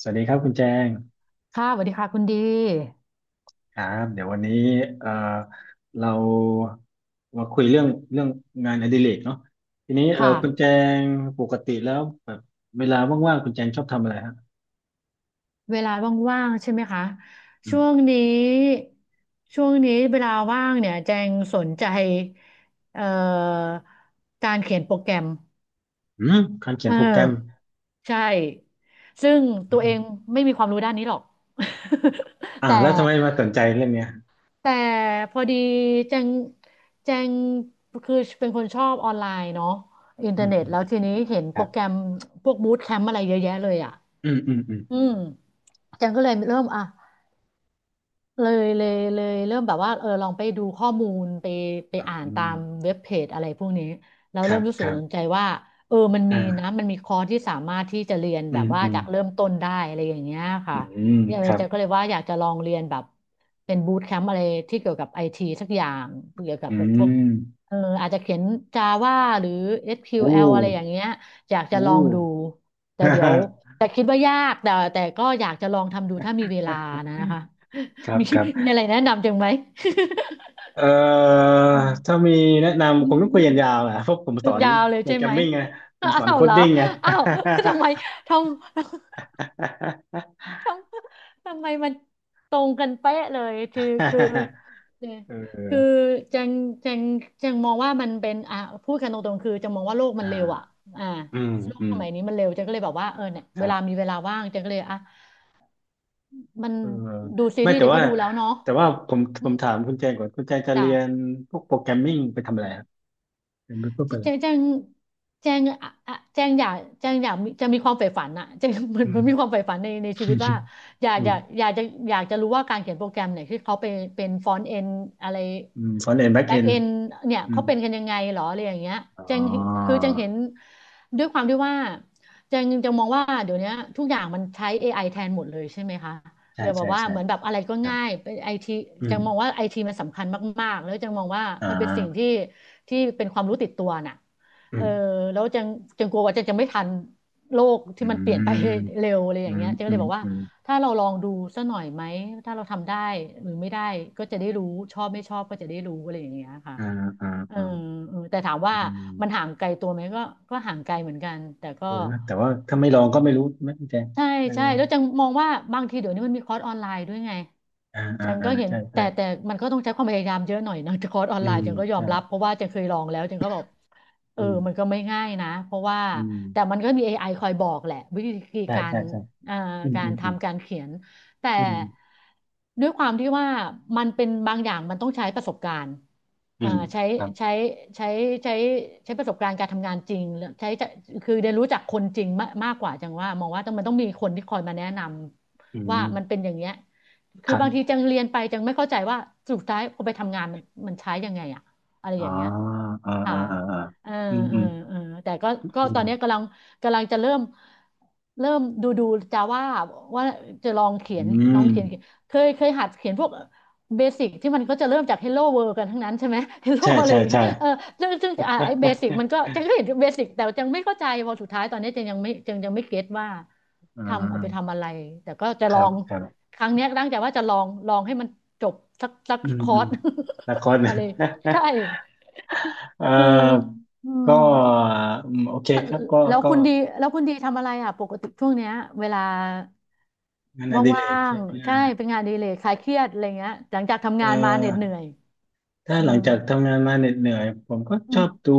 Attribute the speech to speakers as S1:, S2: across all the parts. S1: สวัสดีครับคุณแจง
S2: ค่ะสวัสดีค่ะคุณดี
S1: ครับเดี๋ยววันนี้เอ่อเรามาคุยเรื่องเรื่องงานอดิเรกเนาะทีนี้
S2: ค
S1: คุณแจ
S2: ่ะ
S1: งปกติแล้วแบบเวลาว่างๆคุณแจงชอบทำอะไรฮะ
S2: เวลาว่างๆใช่ไหมคะ
S1: อื
S2: ช่วง
S1: ม
S2: นี้ช่วงนี้เวลาว่างเนี่ยแจงสนใจเอ่อการเขียนโปรแกรม
S1: อืมการเขีย
S2: เอ
S1: น
S2: อ
S1: โปรแกรม
S2: ใช่ซึ่งตัว
S1: อืม
S2: เองไม่มีความรู้ด้านนี้หรอก
S1: อ่า
S2: แต่
S1: แล้วทำไมมาสนใจเรื่องเนี้ย
S2: แต่พอดีแจงแจงคือเป็นคนชอบออนไลน์เนาะอินเท
S1: อื
S2: อร์
S1: ม
S2: เน็ต
S1: อืม
S2: แล้วทีนี้เห็น
S1: ค
S2: โป
S1: รั
S2: ร
S1: บ
S2: แกรมพวกบู o แคมป์อะไรเยอะแยะเลยอ่ะ
S1: อืมอืมอืม
S2: อืม อาจังก็เลยเริ่มอ่ะ เลยเริ่มแบบว่าเออลองไปดูข้อมูลไป
S1: อ่า
S2: อ่าน
S1: อื
S2: ตา
S1: ม
S2: มเว็บเพจอะไรพวกนี้แล้ว
S1: ครั
S2: เริ่
S1: บ
S2: มรู้สึ
S1: ค
S2: ก
S1: รั
S2: สนใจ
S1: บ
S2: ว่าเออมันมีนะ
S1: อ่า
S2: มันมีคอร์สที่สามารถที่จะเรียน
S1: อื
S2: แบ
S1: ม
S2: บว่า
S1: อืม
S2: จากเริ่มต้นได้อะไรอย่างเงี้ย
S1: อื
S2: ค่ะ
S1: ม
S2: เออ
S1: ครับ
S2: จะก็เลยว่าอยากจะลองเรียนแบบเป็นบูตแคมป์อะไรที่เกี่ยวกับไอทีสักอย่างเกี่ยวกั
S1: อื
S2: บแบบพวก
S1: ม
S2: เอออาจจะเขียน Java หรือ
S1: โอ้
S2: SQL อสคิวแอลอะไรอย่างเงี้ยอยากจะ
S1: โอ้
S2: ลองดูแต่เดี๋ยวแต่คิดว่ายากแต่ก็อยากจะลองทำดูถ้ามีเวลานะ คะ
S1: ครับ
S2: มี
S1: ครั
S2: มี
S1: บ
S2: อะไรแนะนำจังไหม
S1: เอ่อ
S2: อืม
S1: ถ้ามีแนะนำคงต้องคุยกันยาวแหละเพราะผมสอ น
S2: ยาวเลย
S1: โปร
S2: ใช่
S1: แกร
S2: ไห
S1: ม
S2: ม
S1: มิ่งไงผม
S2: อ้า
S1: สอน
S2: ว
S1: โค
S2: เห
S1: ด
S2: รอ
S1: ดิ้งไง
S2: อ้าว ทำไมทำ ททำไมมันตรงกันเป๊ะเลยคือ เนี่ย
S1: เ
S2: คือ
S1: ออ
S2: จังจังจังมองว่ามันเป็นอ่ะพูดกันตรงๆคือจังมองว่าโลกมั
S1: อ่า
S2: นเร็วอ่ะอ่า
S1: อืม
S2: โลก
S1: อื
S2: ส
S1: ม
S2: มัยนี้มันเร็วจังก็เลยแบบว่าเออเนี่ย
S1: ค
S2: เว
S1: รับ
S2: ลามีเวลาว่างจังก็เลยอ่ะมัน
S1: เออ
S2: ดูซี
S1: ไม่
S2: รีส์
S1: แต่
S2: จังก็
S1: ว่า
S2: ดูแล้วเนาะ
S1: แต่ว่าผมถามคุณแจงก่อนคุณแจงจะ
S2: จ้ะ
S1: เรียนพวกโปรแกรมมิ่งไปทำอะไรครับเรียนไปเพื่อไปอะไร
S2: แจงแจงแจงอะแจงอยากมีจะมีความใฝ่ฝันอะ แจงเหมือน
S1: อื
S2: มั
S1: ม
S2: นมีความใฝ่ฝันในชีวิตว่า
S1: อืม
S2: อยากจะอยากจะรู้ว่าการเขียนโปรแกรมเนี่ยที่เขาเป็นฟอนต์เอนอะไร
S1: อืมฟอนต์เอนด์แบ็ก
S2: แบ็
S1: เอ
S2: ก
S1: น
S2: เอ
S1: ด์
S2: นเนี่ย
S1: อื
S2: เขา
S1: ม
S2: เป็นกันยังไงหรออะไรอย่างเงี้ย
S1: อ๋
S2: แจงคือ
S1: อ
S2: แจงเห็นด้วยความที่ว่าแจงจะมองว่าเดี๋ยวนี้ทุกอย่างมันใช้ AI แทนหมดเลยใช่ไหมคะ
S1: ใช่
S2: เรียกว่า
S1: ใช่ใช่
S2: เหมือนแบบอะไรก็
S1: ครับ
S2: ง่ายเป็นไอที
S1: อื
S2: จั
S1: ม
S2: งมองว่าไอทีมันสำคัญมากๆแล้วจังมองว่า
S1: อ่
S2: มันเป็นสิ่งที่
S1: า
S2: เป็นความรู้ติดตัวน่ะ
S1: อื
S2: เออ
S1: ม
S2: แล้วจังกลัวว่าจะไม่ทันโลก
S1: อื
S2: ที่มันเปลี่ยนไป
S1: ม
S2: เร็วอะไรอ
S1: อื
S2: ย่าง
S1: ม
S2: เงี้ยจังก็
S1: อื
S2: เลย
S1: ม
S2: บอกว่า
S1: อืม
S2: ถ้าเราลองดูสักหน่อยไหม ถ้าเราทำได้หรือไม่ได้ก็จะได้รู้ชอบไม่ชอบก็จะได้รู้อะไรอย่างเงี้ยค่ะ
S1: อ่าอ่า
S2: เออ
S1: อ่า
S2: เออแต่ถามว่า
S1: อื
S2: มันห่า
S1: ม
S2: งไกลตัวไหมก็ห่างไกลเหมือนกัน แต่ก็
S1: เออนะแต่ว่าถ้าไม่ลองก็ไม่รู้ไม่แจ้ง
S2: ใช่
S1: เออ
S2: ใช่แล้วจังมองว่าบางทีเดี๋ยวนี้มันมีคอร์สออนไลน์ด้วยไง
S1: อ่าอ่า
S2: จัง
S1: อ่า
S2: ก็เห็น
S1: ใช่ใช่
S2: แต่มันก็ต้องใช้ความพยายามเยอะหน่อยนะ คอร์สออน
S1: อื
S2: ไล
S1: ม
S2: น์จังก็ยอม
S1: ใช่
S2: รับเพราะว่าจังเคยลองแล้วจังก็บอกเออ
S1: อืม
S2: มันก็ไม่ง่ายนะเพราะว่า
S1: อื
S2: แต่
S1: ม
S2: มันก็มี AI คอยบอกแหละวิธี
S1: ใช่
S2: การ
S1: ใช่ใช่
S2: เอ่อ
S1: อืม
S2: กา
S1: อื
S2: ร
S1: มอืม
S2: ทำการเขียนแต่
S1: อืม
S2: ด้วยความที่ว่ามันเป็นบางอย่างมันต้องใช้ประสบการณ์
S1: อื
S2: อ่า
S1: มครับ
S2: ใช้ใช้ใช้ใช้ประสบการณ์การทำงานจริงใช้จะคือเรียนรู้จากคนจริงมากมากกว่าจังมองว่าต้องต้องมีคนที่คอยมาแนะน
S1: อื
S2: ำว่า
S1: ม
S2: มันเป็นอย่างเงี้ย คื
S1: ค
S2: อ
S1: รั
S2: บางที
S1: บ
S2: จังเรียนไปจังไม่เข้าใจว่าสุดท้ายเอาไปทำงานมันใช้ยังไงอะอะไร
S1: อ๋อ
S2: อย่างเงี้ย
S1: อ่า
S2: ค่ะ
S1: อ่าอ่าอ่า
S2: เออ
S1: อืม
S2: เอ
S1: อื
S2: อ
S1: ม
S2: เออแต่ก็
S1: อ
S2: ก็
S1: ื
S2: ตอ
S1: ม
S2: นนี้กำลังจะเริ่มดูจะว่าว่าจะลองเขีย
S1: อื
S2: นลอง
S1: ม
S2: เขียนเคยหัดเขียนพวกเบสิกที่มันก็จะเริ่มจาก Hello World กันทั้งนั้นใช่ไหม Hello
S1: ใช่
S2: อะไร
S1: ใช่
S2: อย่างเงี้ย
S1: ใช่
S2: เออซึ่งอ่ะไอ้เบสิกมันก็ จังก็เห็นเบสิกแต่จังไม่เข้าใจพอสุดท้ายตอนนี้จังยังไม่เก็ตว่า
S1: อ่
S2: เอาไป
S1: า
S2: ทำอะไรแต่ก็จะ
S1: ค
S2: ลอ
S1: รับ
S2: ง
S1: ครับ
S2: ครั้งเนี้ยตั้งใจว่าจะลองให้มันจบสัก
S1: อืม
S2: คอ
S1: อืม
S2: ร์ส
S1: ละคร
S2: อะไรใช่
S1: เอ่อ
S2: เอออื
S1: ก็
S2: ม
S1: อืมโอเค
S2: เออ
S1: ครับก็
S2: แล้ว
S1: ก็
S2: คุณดีแล้วคุณดีทำอะไรอ่ะปกติช่วงเนี้ยเวลา
S1: งานอดิเร
S2: ว่า
S1: กใช่
S2: ง
S1: ไหม
S2: ๆใช่
S1: อ่ะ
S2: เป็นงานอดีเลยคลายเครียดอะไรเงี้ยหลังจากทำ
S1: เอ่
S2: งานมาเหน็ดเหนื่อ
S1: อ
S2: ย
S1: ถ้า
S2: อื
S1: หลัง
S2: ม
S1: จากทำงานมาเหน็ดเหนื่อยผมก็
S2: อื
S1: ชอ
S2: ม
S1: บดู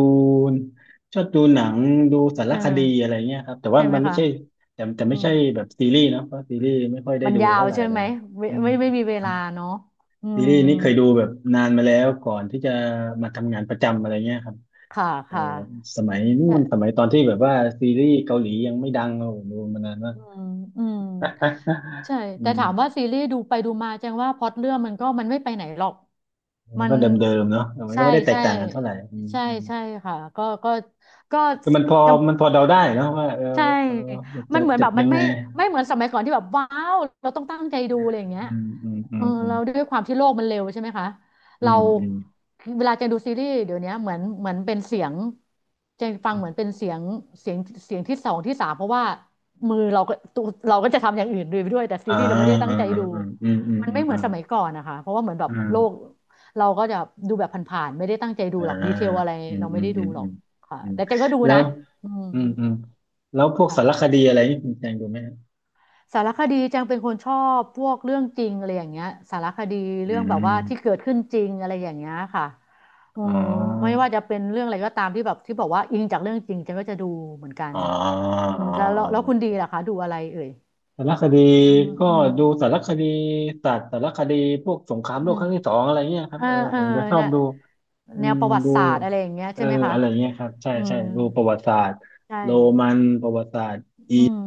S1: ชอบดูหนังดูสาร
S2: เอ
S1: คดีอะ
S2: อ
S1: ไรเงี้ยครับแต่ว่า
S2: ใช่ไหม
S1: มันไม่
S2: คะ
S1: ใช่แต่แต่
S2: อื
S1: ไม่
S2: ม
S1: ใช่แบบซีรีส์เนอะเพราะซีรีส์ไม่ค่อยได้
S2: มัน
S1: ดู
S2: ยาว
S1: เท่าไหร่
S2: ใช่
S1: เล
S2: ไหม
S1: ย
S2: เว
S1: อืม
S2: ไม่มีเว
S1: ครั
S2: ลา
S1: บ
S2: เนาะอื
S1: ซี
S2: ม
S1: รีส์นี่เคยดูแบบนานมาแล้วก่อนที่จะมาทำงานประจำอะไรเงี้ยครับเอ
S2: ค
S1: อสมัยนู่นส
S2: ่ะ
S1: มัยตอนที่แบบว่าซีรีส์เกาหลียังไม่ดังเราดูมานานมาก
S2: อืมอืม ใช่
S1: อื
S2: แต่ถามว่า
S1: ม
S2: ซีรีส์ดูไปดูมาแจ้งว่าพล็อตเรื่องมันมันไม่ไปไหนหรอก
S1: มั
S2: มั
S1: น
S2: น
S1: ก็เดิมๆเนาะมันก็
S2: ใช่
S1: ไม่ได้แต
S2: ใช่
S1: กต่างกันเท่าไหร่อื
S2: ใช่
S1: ม
S2: ใช่ค่ะก็ก็ก็
S1: คือมันพอ
S2: ยัง
S1: มันพอเดาได้เนอะว่าเออ
S2: ใช่
S1: เออมัน
S2: มั
S1: จะ
S2: นเหมือน
S1: เจ็
S2: แบ
S1: บ
S2: บ
S1: ยั
S2: มัน
S1: งไง
S2: ไม่เหมือนสมัยก่อนที่แบบว้าวเราต้องตั้งใจดูอะไรอย่างเงี้ย
S1: อืมอืมอื
S2: เออ
S1: มอื
S2: เรา
S1: ม
S2: ด้วยความที่โลกมันเร็วใช่ไหมคะ
S1: อื
S2: เรา
S1: มอืม
S2: เวลาเจนดูซีรีส์เดี๋ยวเนี้ยเหมือนเป็นเสียงเจนฟั
S1: อื
S2: งเห
S1: ม
S2: มือนเป็นเสียงเสียงเสียงที่สองที่สามเพราะว่ามือเราก็ตัวเราก็จะทำอย่างอื่นด้วยไปด้วยแต่ซี
S1: อ่า
S2: รีส์เราไม่ได้ตั้
S1: อ่า
S2: งใจ
S1: อ่า
S2: ดู
S1: อืมอืม
S2: มัน
S1: อื
S2: ไม่
S1: ม
S2: เหมื
S1: อื
S2: อน
S1: ม
S2: สมัยก่อนนะคะเพราะว่าเหมือนแบ
S1: อื
S2: บ
S1: มอ่
S2: โลก
S1: า
S2: เราก็จะดูแบบผ่านๆไม่ได้ตั้งใจดู
S1: อา
S2: หรอกดีเทลอะไร
S1: อืม
S2: เรา
S1: อื
S2: ไม่
S1: ม
S2: ได้
S1: อื
S2: ดู
S1: ม
S2: หรอ
S1: อื
S2: ก
S1: ม
S2: ค่ะ
S1: อืม
S2: แต่เจนก็ดู
S1: แล้
S2: นะ
S1: ว
S2: อืม
S1: อืมอืมแล้วพวกสารค
S2: ค่ะ
S1: ดีอะไรนี่คุณแจงดูไหมฮะ
S2: สารคดีจังเป็นคนชอบพวกเรื่องจริงอะไรอย่างเงี้ยสารคดี
S1: อื
S2: เรื่องแบบว่าที่
S1: ม
S2: เกิดขึ้นจริงอะไรอย่างเงี้ยค่ะอื
S1: อ๋อ
S2: มไม่ว่าจะเป็นเรื่องอะไรก็ตามที่แบบที่บอกว่าอิงจากเรื่องจริงจังก็จะดูเหมือนกัน
S1: อ๋อ
S2: อืม
S1: อ๋อ
S2: แล้วแล้
S1: อ๋
S2: วแล้วคุณดี
S1: อ
S2: ล่ะคะดูอะไรเอ่ย
S1: สารคดี
S2: อืม
S1: ก็
S2: อืม
S1: ดูสารคดีสัตว์สารคดีพวกสงคราม
S2: อื
S1: โลก
S2: ม
S1: ครั้งที่สองอะไรเงี้ยครั
S2: เอ
S1: บ
S2: อ
S1: เออ
S2: เอ
S1: ผ
S2: อ
S1: มจะชอบ
S2: น่ะ
S1: ดูอื
S2: แนว
S1: ม
S2: ประวัติ
S1: ดู
S2: ศาสตร์อะไรอย่างเงี้ย
S1: เอ
S2: ใช่
S1: อ
S2: ไหมคะ
S1: อะไรเงี้ยครับใช่
S2: อื
S1: ใช่
S2: ม
S1: ดูประวัติศาสตร์
S2: ใช่
S1: โรมันประวัติศาสตร์
S2: อืม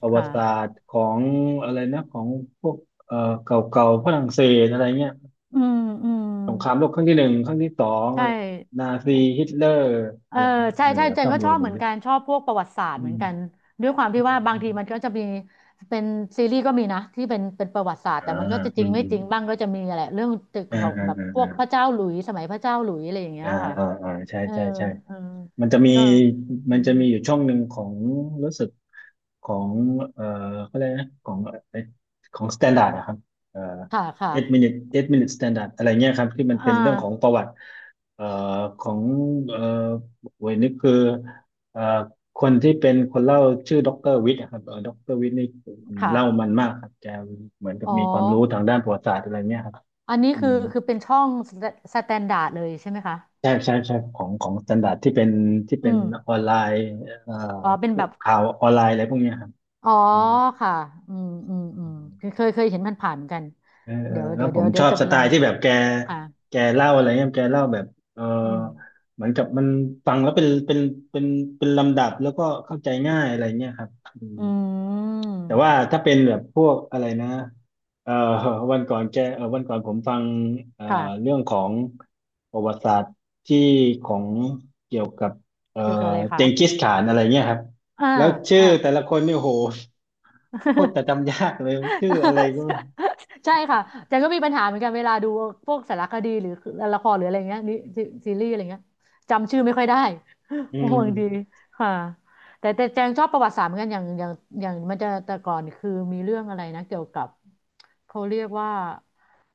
S1: ประวั
S2: ค่ะ
S1: ติศาสตร์ของอะไรนะของพวกเออเก่าเก่าฝรั่งเศสอะไรเงี้ย
S2: อืมอืม
S1: สงครามโลกครั้งที่หนึ่งครั้งที่สองอะ
S2: ใช่
S1: ไรเงี้ยนาซีฮิตเลอร์
S2: เอ
S1: อะ
S2: อ
S1: ไรเงี้ย
S2: ใช่
S1: เออ
S2: ใช่เจ
S1: ชอ
S2: น
S1: บ
S2: ก็
S1: ดู
S2: ช
S1: อะ
S2: อ
S1: ไร
S2: บ
S1: แบ
S2: เห
S1: บ
S2: มือน
S1: เนี้ย
S2: กันชอบพวกประวัติศาสต
S1: อื
S2: ร์เหมือน
S1: ม
S2: กันด้วยความ
S1: อื
S2: ที่
S1: ม
S2: ว่าบา
S1: อื
S2: ง
S1: ม
S2: ทีมันก็จะมีเป็นซีรีส์ก็มีนะที่เป็นประวัติศาสตร์
S1: อ่า
S2: แต่มันก็จะจ
S1: อื
S2: ริง
S1: ม
S2: ไม่
S1: อื
S2: จ
S1: ม
S2: ริงบ้างก็จะมีอะไรเรื่องตึก
S1: อ่า
S2: ของ
S1: อ
S2: แบบพวกพระ
S1: ่
S2: เจ้าหลุยส์สมัยพระเจ้าหลุยส์อะไรอย่าง
S1: า
S2: เงี้
S1: อ่า
S2: ยค่ะ
S1: อ่าอ่าอ่าใช่
S2: เออ
S1: ใช่ใช่
S2: เออ
S1: มันจะมี
S2: ก็อื
S1: มันจะ
S2: ม
S1: มีอยู่ช่องหนึ่งของรู้สึกของเอ่อเขาเรียกนะของเอ่อของสแตนดาร์ดนะครับเอ่
S2: ค่ะค่ะ
S1: อ็ดมินิเอ็ดมินิสแตนดาร์ดอะไรเงี้ยครับที่มันเป็
S2: อ่า
S1: นเรื่องของประวัติเอ่อของเอ่อเวยนี่คือเอ่อคนที่เป็นคนเล่าชื่อด็อกเตอร์วิทย์นะครับด็อกเตอร์วิทย์นี่เล่า
S2: ค่ะ
S1: มันมากครับแกเหมือนกับ
S2: อ๋อ
S1: มีความรู้ทางด้านประวัติศาสตร์อะไรเงี้ยครับ
S2: อันนี้
S1: อื
S2: คือ
S1: ม
S2: คือเป็นช่องสแตนดาร์ดเลยใช่ไหมคะ
S1: ใช่ใช่ใช่ของของสแตนดาร์ดที่เป็นที่
S2: อื
S1: เป็นอ
S2: ม
S1: อนไลน์เอ่อ
S2: อ๋อเป็น
S1: พว
S2: แบ
S1: ก
S2: บ
S1: ข่าวออนไลน์อะไรพวกเนี้ยครับ
S2: อ๋อ
S1: อืม
S2: ค่ะอืมอืมอื
S1: อื
S2: ม
S1: ม
S2: เคยเห็นมันผ่านเหมือนกัน
S1: เออเออ
S2: เดี๋ยว
S1: แล้
S2: เดี๋
S1: ว
S2: ยว
S1: ผ
S2: เดี๋ย
S1: ม
S2: ว
S1: ช
S2: เดี๋ย
S1: อ
S2: ว
S1: บ
S2: จะ
S1: ส
S2: ไป
S1: ไต
S2: ลอง
S1: ล์
S2: ดู
S1: ที่แบบแก
S2: อ่า
S1: แกเล่าอะไรเงี้ยแกเล่าแบบเออ
S2: อืม
S1: เหมือนกับมันฟังแล้วเป็นเป็นเป็นเป็นลำดับแล้วก็เข้าใจง่ายอะไรเงี้ยครับ
S2: อืม
S1: แต่ว่าถ้าเป็นแบบพวกอะไรนะเอ่อวันก่อนแกวันก่อนผมฟังเอ่อ
S2: ค่ะ
S1: เรื่องของประวัติศาสตร์ที่ของเกี่ยวกับเอ่อ
S2: เกี่ยวกับอะไร
S1: เจ
S2: คะ
S1: งกิสข่านอะไรเงี้ยครับ
S2: อ่า
S1: แล้วชื่อ
S2: อ่า
S1: แต่ละคนเนี่ยโหโคตรจะ จำยากเลยชื่ออะไรก็
S2: ใช่ค่ะแจนก็มีปัญหาเหมือนกันเวลาดูพวกสารคดีหรือละครหรืออะไรเงี้ยนี่ซีซีรีส์อะไรเงี้ยจำชื่อไม่ค่อยได้
S1: อื
S2: ห่วงดี
S1: ม
S2: ค่ะแต่แจงชอบประวัติศาสตร์เหมือนกันอย่างมันจะแต่ก่อนคือมีเรื่องอะไรนะเกี่ยวกับเขาเรียกว่า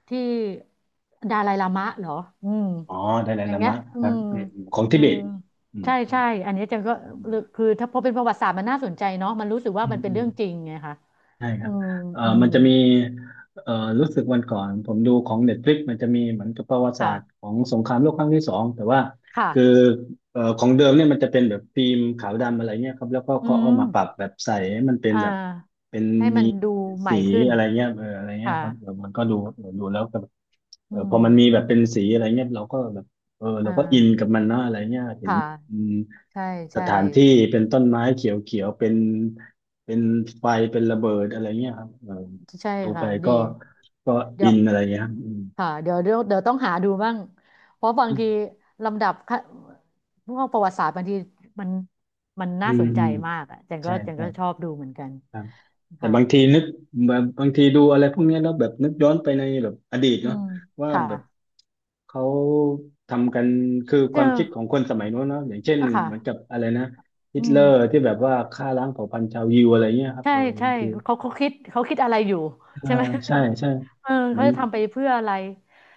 S2: ที่ดาไลลามะเหรออืม
S1: อ๋อไดไล
S2: อย่าง
S1: ลา
S2: เงี้ย
S1: มะ
S2: อื
S1: ครับ
S2: ม
S1: อืมของ
S2: อื
S1: ทิเบ
S2: ม
S1: ตอืม
S2: ใช่ใช่อันนี้จังก็
S1: อื
S2: คือถ้าพอเป็นประวัติศาสตร์มันน่าสนใจเนาะมันรู้สึก
S1: ม
S2: ว่ามันเป็
S1: อื
S2: น
S1: ม
S2: เรื่องจริงไงคะ
S1: ใช่ค
S2: อื
S1: รับ
S2: มอืม
S1: มันจะมีเอ่อรู้สึกวันก่อน ผมดูของ Netflix มันจะมีเหมือนกับประวัติศาสตร์
S2: ค่ะ
S1: ของสงครามโลกครั้งที่สองแต่ว่า
S2: ค่ะ
S1: คือของเดิมเนี่ยมันจะเป็นแบบฟิล์มขาวดำอะไรเงี้ยครับแล้วก็
S2: อื
S1: เขาเอา
S2: ม
S1: มาปรับแบบใสให้มันเป็น
S2: อ่า
S1: แบบเป็น
S2: ให้
S1: มี
S2: มันดูใหม่
S1: สี
S2: ขึ้น
S1: อะไรเงี้ยเอออะไรเงี้ย
S2: ค่ะ
S1: ครับเออมันก็ดูเออดูแล้วก็แบบเอ
S2: อื
S1: อพ
S2: ม
S1: อมันมีแบบเป็นสีอะไรเงี้ยเราก็แบบเออเรา
S2: อ่า
S1: ก็อินกับมันนะอะไรเงี้ยเห็น
S2: ค่ะ ใช่
S1: ส
S2: ใช่
S1: ถานที่เป็นต้นไม้เขียวๆเป็นไฟเป็นระเบิดอะไรเงี้ยครับเออ
S2: ใช่
S1: ดูไป
S2: ค่ะ ดี
S1: ก็
S2: เดี๋
S1: อิ
S2: ยว
S1: นอะไรเงี้ยครับอืม
S2: ค่ะ เดี๋ยวต้องหาดูบ้าง เพราะบาง
S1: อื
S2: ที
S1: ม
S2: ลำดับขั้นพวกประวัติศาสตร์บางทีมันมัน
S1: อื
S2: น่าสนใจมา
S1: ม
S2: กอ่ะจันก็
S1: ใช่
S2: จัน
S1: ใช่
S2: ก็ชอบดูเหมือนกัน
S1: ครับแต่
S2: ค่ะ
S1: บางทีนึกแบบบางทีดูอะไรพวกเนี้ยแล้วแบบนึกย้อนไปในแบบอดีต
S2: อื
S1: เนาะ
S2: ม
S1: ว่า
S2: ค่ะ
S1: แบบเขาทำกันคือ
S2: เจ
S1: ค
S2: อ
S1: วามคิดของคนสมัยโน้นเนาะอย่างเช่น
S2: อ่ะค่ะ
S1: เหมือนกับอะไรนะฮิ
S2: อื
S1: ต
S2: ม
S1: เลอร์ที่แบบว่าฆ่าล้างเผ่าพันธุ์ชาวยิวอะไรเงี้ยครับ
S2: ใช่
S1: เออ
S2: ใช่
S1: บางที
S2: เขาคิดเขาคิดอะไรอยู่
S1: เออ
S2: ใช่ไหม
S1: ใช่ใช่
S2: เออ
S1: เหมือ
S2: เขา
S1: น
S2: จะทำไปเพื่ออะไร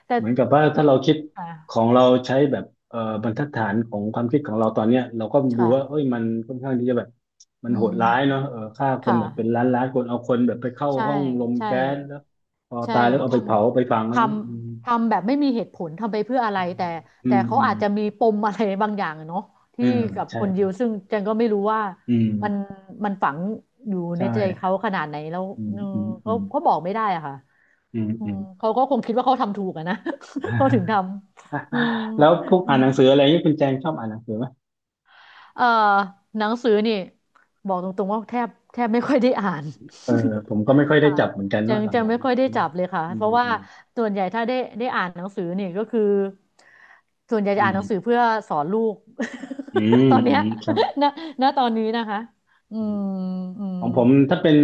S2: แต่
S1: เหมือนกับว่าถ้าเราคิด
S2: ค่ะ
S1: ของเราใช้แบบบรรทัดฐานของความคิดของเราตอนเนี้ยเราก็ดูว่าเอ้
S2: ค่ะ
S1: ยมันค่อนข้างที่จะแบบมัน
S2: อื
S1: โหด
S2: ม
S1: ร้ายเนาะเออฆ่าค
S2: ค่
S1: นแบบเป็นล้าน
S2: ะ
S1: ล้านคนเอาคนแบบไปเข้า
S2: ใช่
S1: ห้องลม
S2: ใช่
S1: แก๊สแล้วพอ
S2: ใช่
S1: ตายแล้วเอา
S2: ท
S1: ไปเผาไปฝัง
S2: ำท
S1: อะไร
S2: ทำแบบไม่มีเหตุผลทำไปเพื่ออะไรแต่
S1: อื
S2: แต่
S1: ม
S2: เขา
S1: อืม
S2: อาจ
S1: อื
S2: จะ
S1: ม
S2: มีปมอะไรบางอย่างอะเนาะ
S1: เออ
S2: ที่กับ
S1: ใช่
S2: คน
S1: ค
S2: ยิ
S1: รั
S2: ว
S1: บ
S2: ซึ่งเจนก็ไม่รู้ว่า
S1: อืม
S2: มันมันฝังอยู่ใน
S1: ใช่
S2: ใจเขาขนาดไหนแล้ว
S1: อืม
S2: เอม
S1: อืมอื
S2: เขา
S1: ม
S2: เขาบอกไม่ได้อะค่ะ
S1: อืม
S2: อื
S1: อื
S2: ม
S1: ม
S2: เขาก็คงคิดว่าเขาทำถูกอะนะ เขาถึงทำอืม
S1: แล้วพวก
S2: อื
S1: อ่าน
S2: ม
S1: หนังสืออะไรนี่คุณแจงชอบอ่านหนังสือไหม
S2: เอ่อหนังสือนี่บอกตรงๆว่าแทบไม่ค่อยได้อ่าน
S1: เออผมก็ไม่ค่อย ได้
S2: ค่ะ
S1: จับเหมือนกัน
S2: จั
S1: เนาะ
S2: ง
S1: ห
S2: จัง
S1: ลัง
S2: ไม่ค่อยได้จับเลยค่ะ
S1: ๆอื
S2: เพ
S1: ม
S2: ราะว่า
S1: อืม
S2: ส่วนใหญ่ถ้าได้อ่านหนังสือนี่ก็คือส่วนใหญ่
S1: อื
S2: จะอ่านหนังสื
S1: ม
S2: อเพื่อสอนลูก
S1: อืม
S2: ตอน
S1: อื
S2: เนี้ย
S1: มครับ
S2: ณณตอนนี้นะคะอืมอื
S1: ข
S2: ม
S1: องผมถ้าเป็น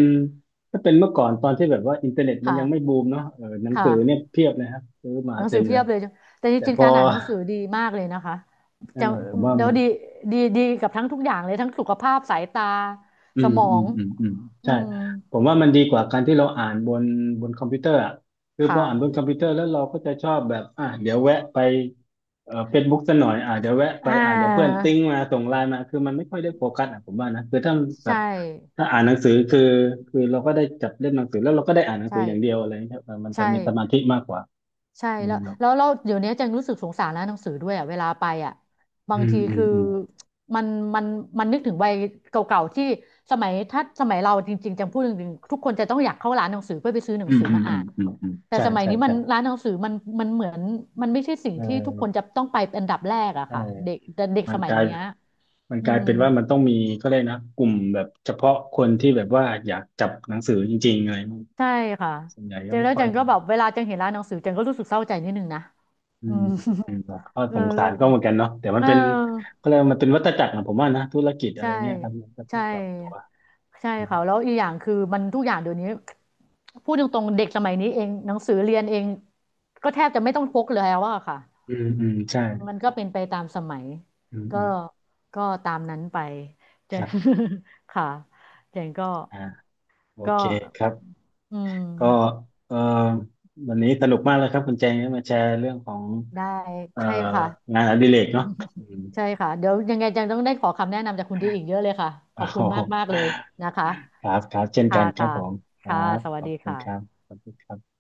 S1: ถ้าเป็นเมื่อก่อนตอนที่แบบว่าอินเทอร์เน็ตมันยังไม่บู
S2: ค่ะ
S1: มเนาะเออหนั
S2: ค
S1: งสือเนี่ย
S2: ่ะ
S1: เพียบเลยครับซื้อมา
S2: หนัง
S1: เต็
S2: สือ
S1: มเล
S2: เพีย
S1: ย
S2: บเลยแต่จ
S1: แต่
S2: ริง
S1: พ
S2: ๆ
S1: อ
S2: การอ่านหนังสือดีมากเลยนะคะ
S1: เอ
S2: จะ
S1: อผมว่า
S2: เดี๋ยว
S1: มัน
S2: ดีดีกับทั้งทุกอย่างเลยทั้งสุขภาพสายตา
S1: อื
S2: ส
S1: ม
S2: มอ
S1: อืม
S2: ง
S1: อืมอืม
S2: อื
S1: ใช่
S2: ม
S1: ผมว่ามันดีกว่าการที่เราอ่านบนบนคอมพิวเตอร์อ่ะคือพ
S2: ค่ะ
S1: ออ่านบนคอมพิวเตอร์แล้วเราก็จะชอบแบบอ่ะเดี๋ยวแวะไปเฟซบุ๊กสักหน่อยอ่ะเดี๋ยวแวะไป
S2: อ่
S1: อ่ะเดี๋ยวเพื่อน
S2: า
S1: ติ้งมาส่งไลน์มาคือมันไม่ค่อยได้โฟกัสอ่ะผมว่านะคือถ้าแบ
S2: ใช่
S1: บถ้าอ่านหนังสือคือเราก็ได้จับเล่มหนังสือแล้วเราก็ได้อ่านหนัง
S2: ใช่
S1: สืออย่างเดียวอะไรเงี้ยเออมันจะ
S2: ใช่
S1: มีสมาธิมากกว่า
S2: ใช่
S1: อืม
S2: แล้ว
S1: เนาะ
S2: แล้วเราเดี๋ยวนี้จังรู้สึกสงสารร้านหนังสือด้วยอ่ะเวลาไปอ่ะบา
S1: อื
S2: ง
S1: ม
S2: ที
S1: อืม
S2: คือ
S1: อืม
S2: มันมันมันนึกถึงวัยเก่าๆที่สมัยถ้าสมัยเราจริงๆจังพูดจริงๆทุกคนจะต้องอยากเข้าร้านหนังสือเพื่อไปซื้อหนั
S1: อื
S2: ง
S1: ม
S2: สือ
S1: อืม
S2: มา
S1: อื
S2: อ่า
S1: ม
S2: น
S1: อืมอืม
S2: แต่
S1: ใช่
S2: สมัย
S1: ใช่
S2: นี้มัน
S1: ใช่
S2: ร้านหนังสือมันมันเหมือนมันไม่ใช่สิ่งที่ทุกค
S1: เออ
S2: นจะต้องไปเป็นอันดับแรกอะ
S1: ใช่
S2: ค่ะเด็กแต่เด็ก
S1: มั
S2: ส
S1: นก
S2: มัย
S1: ลาย
S2: เนี้ย
S1: มัน
S2: อื
S1: กลาย
S2: ม
S1: เป็นว่ามันต้องมีก็เลยกนะกลุ่มแบบเฉพาะคนที่แบบว่าอยากจับหนังสือจริงๆอะไรมั้ง
S2: ใช่ค่ะ
S1: ส่วนใหญ่
S2: เจ
S1: ก็
S2: น
S1: ไม่
S2: แล้ว
S1: ค่
S2: เจ
S1: อย
S2: นก็
S1: มี
S2: แบบ
S1: นะ
S2: เวลาเจนเห็นร้านหนังสือเจนก็รู้สึกเศร้าใจนิดนึงนะ
S1: อื
S2: อื
S1: ม
S2: ม
S1: อืมก็
S2: เอ
S1: ส
S2: อ
S1: งสารก็เหมือนกันเนาะแต่มัน
S2: เอ
S1: เป็น
S2: อ
S1: ก็เลยกว่ามันเป็นวัฏจักรนะผมว่านะธุรกิจอะไร
S2: ใช่
S1: เงี้ยครับมันก็ต้อ
S2: ใช่
S1: งปรับตัว
S2: ใช่
S1: อืม
S2: ค่ะแล้วอีกอย่างคือมันทุกอย่างเดี๋ยวนี้พูดตรงๆเด็กสมัยนี้เองหนังสือเรียนเองก็แทบจะไม่ต้องพกเลยแล้วอะค่ะ
S1: อืมอืมใช่
S2: มันก็เป็นไปตามสมัย
S1: อืม
S2: ก็
S1: อืม
S2: ก็ตามนั้นไปเจ
S1: ค
S2: น
S1: รับ
S2: ค่ะเจนก็
S1: อ่าโอ
S2: ก็
S1: เคครับ
S2: อื
S1: ก็
S2: ม
S1: เอ่อวันนี้สนุกมากเลยครับคุณแจงที่มาแชร์เรื่องของ
S2: ได้
S1: เอ่อ
S2: ใช่ค่ะ
S1: งานอดิเรกเนาะอืม
S2: ใช่ค่ะเดี๋ยวยังไงจังต้องได้ขอคำแนะนำจากคุณดีอีกเยอะเลยค่ะข
S1: โอ้
S2: อบ
S1: โ
S2: คุณ
S1: ห
S2: มากมากเลยนะคะ
S1: ครับครับเช่นกั
S2: ค่ะ
S1: นครับ
S2: ค่ะ
S1: ผมครั
S2: ค่ะ
S1: บ
S2: สวั
S1: ข
S2: ส
S1: อบ
S2: ดี
S1: คุณ
S2: ค่ะ
S1: ครับขอบคุณครับ